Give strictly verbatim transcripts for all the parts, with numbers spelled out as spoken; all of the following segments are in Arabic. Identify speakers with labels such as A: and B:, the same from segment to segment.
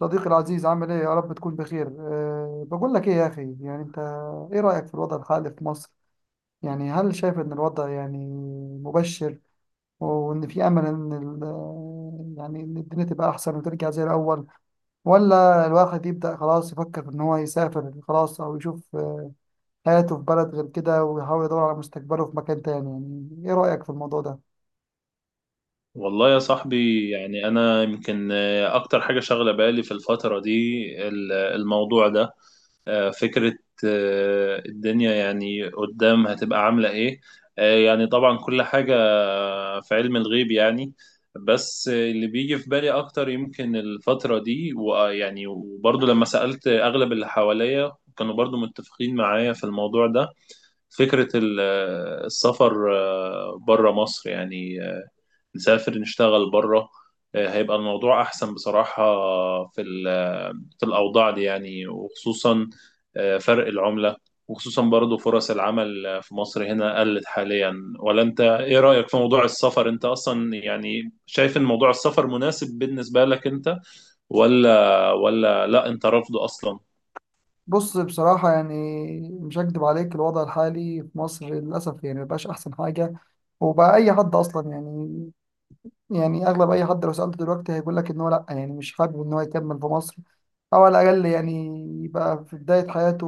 A: صديقي العزيز، عامل ايه؟ يا رب تكون بخير. أه بقول لك ايه يا اخي، يعني انت ايه رأيك في الوضع الحالي في مصر؟ يعني هل شايف ان الوضع يعني مبشر، وان في امل ان ال- آه، يعني ان الدنيا تبقى احسن وترجع زي الاول؟ ولا الواحد يبدأ خلاص يفكر في ان هو يسافر خلاص، او يشوف حياته في بلد غير كده ويحاول يدور على مستقبله في مكان تاني؟ يعني ايه رأيك في الموضوع ده؟
B: والله يا صاحبي، يعني أنا يمكن آه، أكتر حاجة شاغلة بالي في الفترة دي ال- الموضوع ده. آه، فكرة. آه، الدنيا يعني قدام هتبقى عاملة إيه؟ آه، يعني طبعا كل حاجة في علم الغيب يعني. بس آه، اللي بيجي في بالي أكتر يمكن الفترة دي، ويعني وبرضه لما سألت أغلب اللي حواليا كانوا برضه متفقين معايا في الموضوع ده. فكرة ال- آه، السفر بره مصر يعني، نسافر نشتغل بره. آه، هيبقى الموضوع أحسن بصراحة في ال- في الأوضاع دي يعني، وخصوصا آه، فرق العملة، وخصوصا برضو فرص العمل، آه، في مصر هنا قلت حاليا. ولا أنت إيه رأيك في موضوع السفر؟ أنت أصلا يعني شايف إن موضوع السفر مناسب بالنسبة لك أنت؟ ولا ولا لا أنت رافضه أصلا؟
A: بص، بصراحة يعني مش هكدب عليك، الوضع الحالي في مصر للأسف يعني مبقاش أحسن حاجة. وبقى أي حد أصلا يعني، يعني أغلب أي حد لو سألته دلوقتي هيقول لك إن هو لأ، يعني مش حابب إن هو يكمل في مصر. أو على الأقل يعني يبقى في بداية حياته،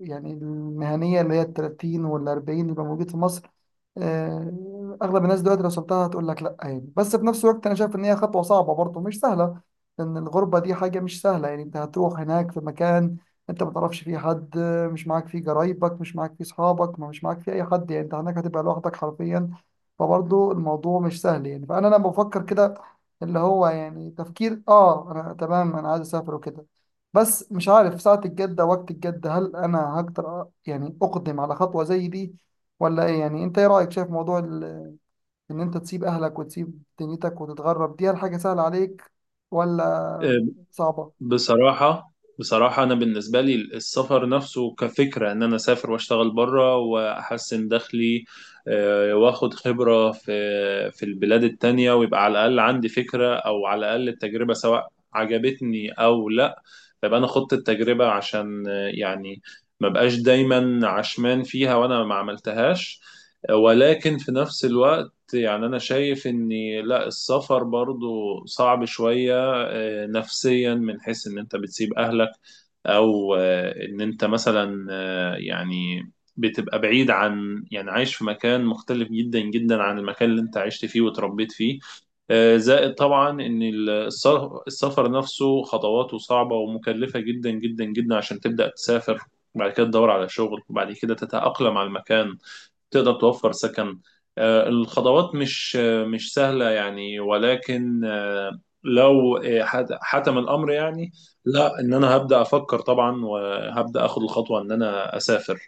A: يعني المهنية اللي هي التلاتين والأربعين، يبقى موجود في مصر. آه، أغلب الناس دلوقتي لو سبتها هتقول لك لأ يعني. بس في نفس الوقت أنا شايف إن هي خطوة صعبة برضه، مش سهلة، لأن الغربة دي حاجة مش سهلة. يعني أنت هتروح هناك في مكان أنت ما تعرفش فيه حد، آه، مش معاك فيه قرايبك، مش معاك فيه أصحابك، ما- مش معاك فيه أي حد. يعني أنت هناك هتبقى لوحدك حرفيا. فبرضه الموضوع مش سهل. يعني فأنا لما بفكر كده، اللي هو يعني تفكير اه انا تمام، انا عايز اسافر وكده، بس مش عارف ساعة الجدة، وقت الجدة، هل انا هقدر أ- يعني اقدم على خطوة زي دي ولا ايه؟ يعني انت ايه رأيك؟ شايف موضوع ال- ان انت تسيب اهلك وتسيب دنيتك وتتغرب، دي هل حاجة سهلة عليك ولا صعبة؟
B: بصراحة بصراحة أنا بالنسبة لي السفر نفسه كفكرة، إن أنا أسافر وأشتغل بره وأحسن دخلي آه، وآخد خبرة في في البلاد التانية، ويبقى على الأقل عندي فكرة أو على الأقل التجربة، سواء عجبتني أو لأ. فيبقى أنا خدت التجربة، عشان آه، يعني ما بقاش دايما عشمان فيها وأنا ما عملتهاش. آه، ولكن في نفس الوقت يعني أنا شايف إن لأ، السفر برضو صعب شوية آه، نفسيا، من حيث ان انت بتسيب اهلك، او آه، ان انت مثلا آه، يعني بتبقى بعيد عن، يعني عايش في مكان مختلف جدا جدا عن المكان اللي انت عشت فيه وتربيت فيه. آه، زائد طبعا ان ال- السف- السفر نفسه خطواته صعبة ومكلفة جدا جدا جدا عشان تبدأ تسافر، وبعد كده تدور على شغل، وبعد كده تتأقلم على المكان، تقدر توفر سكن. آه، الخضروات مش آه، مش سهلة يعني، ولكن آه، لو آه، حت- حتم الأمر يعني، لا، إن أنا هبدأ أفكر طبعا وهبدأ أخد الخطوة إن أنا أسافر.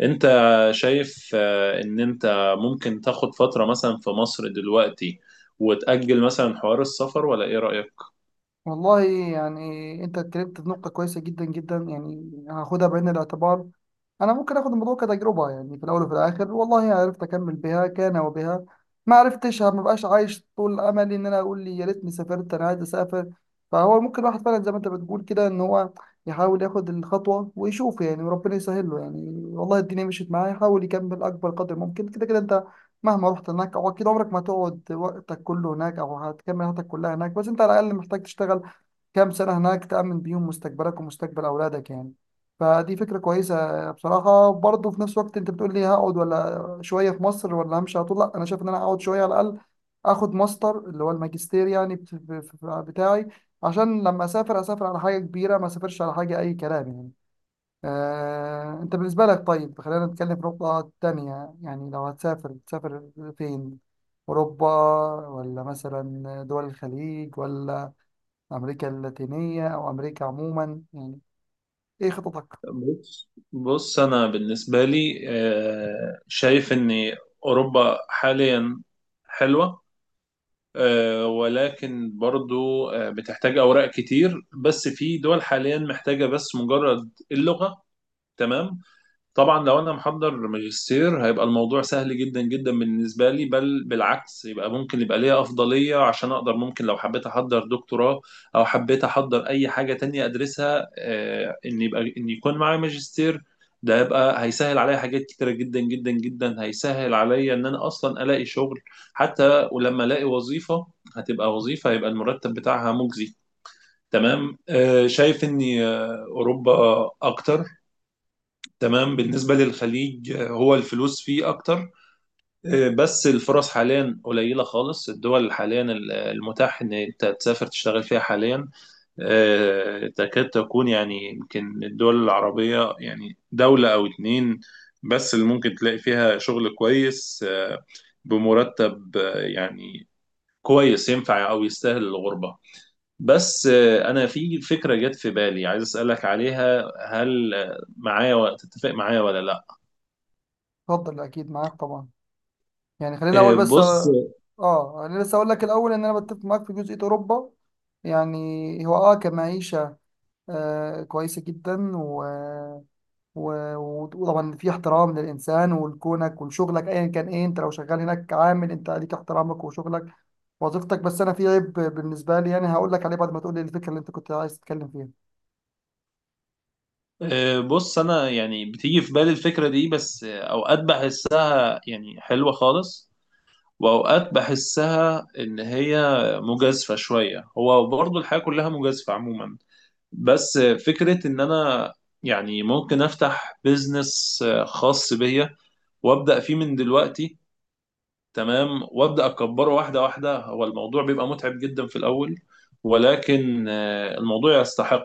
B: أنت شايف آه، إن أنت ممكن تاخد فترة مثلا في مصر دلوقتي وتأجل مثلا حوار السفر، ولا إيه رأيك؟
A: والله يعني انت اتكلمت في نقطة كويسة جدا جدا، يعني هاخدها بعين الاعتبار. انا ممكن اخد الموضوع كتجربه، يعني في الاول وفي الاخر والله عرفت اكمل بها كان وبها، ما عرفتش، ما بقاش عايش طول املي ان انا اقول لي يا ريتني سافرت، انا عايز اسافر. فهو ممكن الواحد فعلا زي ما انت بتقول كده ان هو يحاول ياخد الخطوه ويشوف، يعني وربنا يسهل له. يعني والله الدنيا مشيت معاه يحاول يكمل اكبر قدر ممكن. كده كده انت مهما رحت هناك، او اكيد عمرك ما هتقعد وقتك كله هناك او هتكمل حياتك كلها هناك، بس انت على الاقل محتاج تشتغل كام سنة هناك تأمن بيهم مستقبلك ومستقبل أولادك يعني. فدي فكرة كويسة بصراحة. برضه في نفس الوقت أنت بتقول لي هقعد ولا شوية في مصر ولا همشي على طول، لا أنا شايف إن أنا أقعد شوية على الأقل، آخد ماستر اللي هو الماجستير يعني بت- ب- ب- بتاعي، عشان لما أسافر أسافر على حاجة كبيرة، ما أسافرش على حاجة أي كلام يعني. آه، أنت بالنسبة لك، طيب خلينا نتكلم في نقطة تانية. يعني لو هتسافر تسافر فين؟ أوروبا، ولا مثلا دول الخليج، ولا أمريكا اللاتينية أو أمريكا عموما؟ يعني إيه خططك؟
B: بص بص، أنا بالنسبة لي آه، شايف إن أوروبا حاليا حلوة، آه، ولكن برضو آه، بتحتاج أوراق كتير. بس في دول حاليا محتاجة بس مجرد اللغة. تمام. طبعا لو انا محضر ماجستير، هيبقى الموضوع سهل جدا جدا بالنسبه لي، بل بالعكس، يبقى ممكن يبقى ليا افضليه، عشان اقدر ممكن لو حبيت احضر دكتوراه او حبيت احضر اي حاجه تانية ادرسها، آه، ان يبقى ان يكون معايا ماجستير. ده يبقى هيسهل عليا حاجات كتيره جدا جدا جدا، هيسهل عليا ان انا اصلا الاقي شغل. حتى ولما الاقي وظيفه، هتبقى وظيفه هيبقى المرتب بتاعها مجزي. تمام. آه، شايف ان آه، اوروبا اكتر. تمام. بالنسبة للخليج، آه، هو الفلوس فيه أكتر، آه، بس الفرص حاليا قليلة خالص. الدول حاليا ال- المتاح إن أنت تسافر تشتغل فيها حاليا، آه، تكاد تكون يعني يمكن الدول العربية يعني دولة أو اتنين بس اللي ممكن تلاقي فيها شغل كويس، آه، بمرتب آه، يعني كويس، ينفع أو يستاهل الغربة. بس آه، أنا في فكرة جت في بالي عايز أسألك عليها، هل آه، معايا و- تتفق معايا ولا لأ؟
A: اتفضل، أكيد معاك طبعا، يعني خلينا
B: آه،
A: الأول بس.
B: بص.
A: آه أنا لسه أقول لك الأول إن أنا بتفق معاك في جزئية أوروبا. يعني هو آه كمعيشة آه كويسة جدا، و... و... وطبعا في احترام للإنسان ولكونك ولشغلك أيا كان إيه، أنت لو شغال هناك عامل، أنت ليك احترامك وشغلك وظيفتك بس أنا في عيب بالنسبة لي، يعني هقول لك عليه بعد ما تقول لي الفكرة اللي أنت كنت عايز تتكلم فيها.
B: آه، بص، انا يعني بتيجي في بالي الفكره دي، بس آه، اوقات بحسها يعني حلوه خالص، واوقات بحسها ان هي مجازفه شويه. هو برضو الحياه كلها مجازفه عموما، بس آه، فكره ان انا يعني ممكن افتح بيزنس آه، خاص بيا وابدا فيه من دلوقتي. تمام، وابدا اكبره واحده واحده. هو الموضوع بيبقى متعب جدا في الاول، ولكن آه، الموضوع يستحق.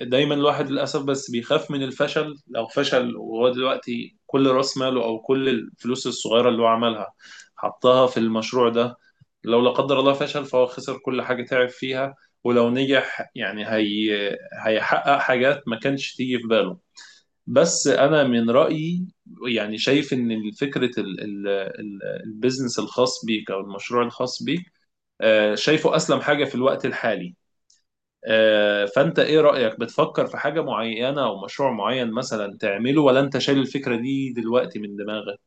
B: دايما الواحد للاسف بس بيخاف من الفشل. لو فشل، وهو دلوقتي كل راس ماله او كل الفلوس الصغيره اللي هو عملها حطها في المشروع ده، لو لا قدر الله فشل، فهو خسر كل حاجه تعب فيها. ولو نجح يعني، هي هيحقق حاجات ما كانش تيجي في باله. بس انا من رايي يعني، شايف ان فكره ال- ال- ال- البيزنس الخاص بيك او المشروع الخاص بيك، آه، شايفه اسلم حاجه في الوقت الحالي. آه، فانت ايه رأيك؟ بتفكر في حاجة معينة او مشروع معين مثلا تعمله، ولا انت شايل الفكرة دي دلوقتي من دماغك؟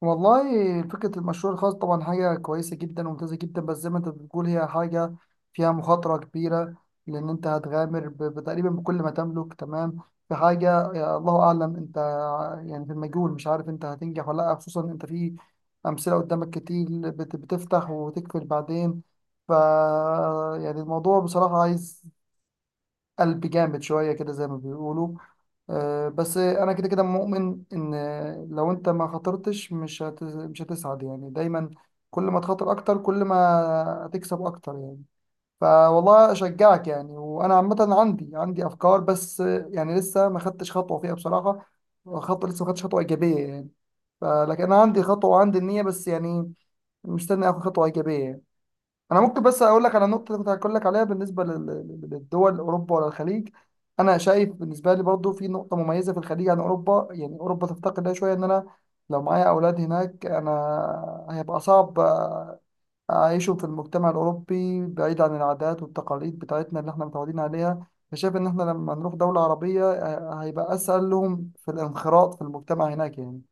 A: والله فكرة المشروع الخاص طبعا حاجة كويسة جدا وممتازة جدا، بس زي ما انت بتقول هي حاجة فيها مخاطرة كبيرة، لأن انت هتغامر ب- بتقريبا بكل ما تملك، تمام، في حاجة يا الله أعلم، انت يعني في المجهول مش عارف انت هتنجح ولا لأ، خصوصا انت في أمثلة قدامك كتير بت- بتفتح وتقفل بعدين. ف يعني الموضوع بصراحة عايز قلب جامد شوية كده، زي ما بيقولوا. آه، بس انا كده كده مؤمن ان لو انت ما خاطرتش مش هت... مش هتسعد يعني. دايما كل ما تخاطر اكتر، كل ما هتكسب اكتر يعني. فوالله اشجعك يعني، وانا عامه عندي عندي افكار، بس يعني لسه ما خدتش خطوه فيها بصراحه. خط لسه ما خدتش خطوه ايجابيه يعني. فلكن انا عندي خطوه وعندي النيه، بس يعني مستني اخد خطوه ايجابيه يعني. انا ممكن بس اقول لك على النقطه اللي كنت هقول لك عليها بالنسبه لل- لل- للدول، اوروبا ولا الخليج. انا شايف بالنسبه لي برضو في نقطه مميزه في الخليج عن اوروبا، يعني اوروبا تفتقد لها شويه، ان انا لو معايا اولاد هناك انا هيبقى صعب اعيشهم في المجتمع الاوروبي بعيد عن العادات والتقاليد بتاعتنا اللي احنا متعودين عليها. فشايف ان احنا لما نروح دوله عربيه آه، هيبقى اسهل لهم في الانخراط في المجتمع هناك يعني.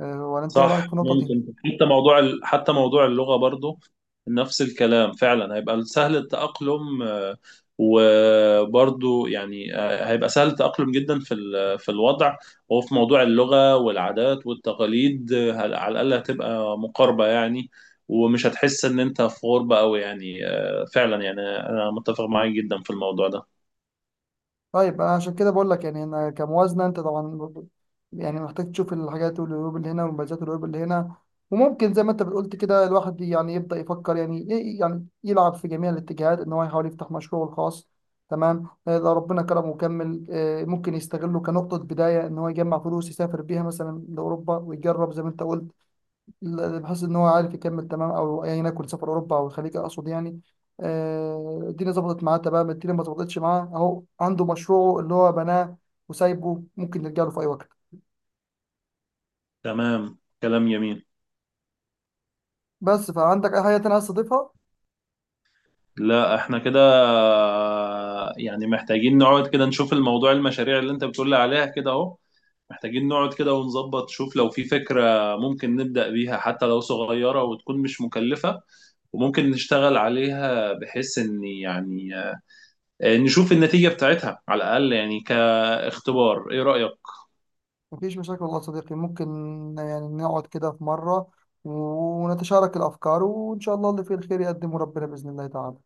A: أه، ولا انت ايه
B: صح.
A: رايك في النقطه دي؟
B: ممكن حتى موضوع ال- حتى موضوع اللغة برضو نفس الكلام، فعلا هيبقى سهل التأقلم. آه، وبرضو يعني آه، هيبقى سهل التأقلم جدا في ال- في الوضع. وفي موضوع اللغة والعادات والتقاليد، آه، هل- على الأقل هتبقى مقاربة يعني، ومش هتحس إن أنت في غربة أوي يعني. آه، فعلا يعني أنا متفق معاك جدا في الموضوع ده.
A: طيب أنا عشان كده بقول لك، يعني انا كموازنه انت طبعا ب- يعني محتاج تشوف الحاجات والعيوب اللي هنا والمميزات والعيوب اللي هنا. وممكن زي ما انت بتقولت كده الواحد يعني يبدا يفكر، يعني ي- يعني يلعب في جميع الاتجاهات ان هو يحاول يفتح مشروعه الخاص، تمام. آه، لو ربنا كرمه وكمل، آه، ممكن يستغله كنقطه بدايه، ان هو يجمع فلوس يسافر بيها مثلا لاوروبا ويجرب زي ما انت قلت، لا- بحيث ان هو عارف يكمل تمام. او ايا يكن سفر اوروبا او الخليج اقصد يعني، آه، الدنيا ظبطت معاه تمام، الدنيا ما ظبطتش معاه اهو عنده مشروعه اللي هو بناه وسايبه، ممكن نرجع له في اي وقت.
B: تمام، كلام جميل.
A: بس فعندك اي حاجه تانية عايز تضيفها؟
B: لا، احنا كده يعني محتاجين نقعد كده نشوف الموضوع، المشاريع اللي انت بتقول لي عليها كده اهو. محتاجين نقعد كده ونظبط، شوف لو في فكرة ممكن نبدأ بيها حتى لو صغيرة وتكون مش مكلفة، وممكن نشتغل عليها، بحيث ان يعني آه، نشوف النتيجة بتاعتها على الأقل يعني كاختبار. ايه رأيك؟
A: مفيش مشاكل والله يا صديقي، ممكن يعني نقعد كده في مره ونتشارك الافكار، وان شاء الله اللي فيه الخير يقدمه ربنا باذن الله تعالى.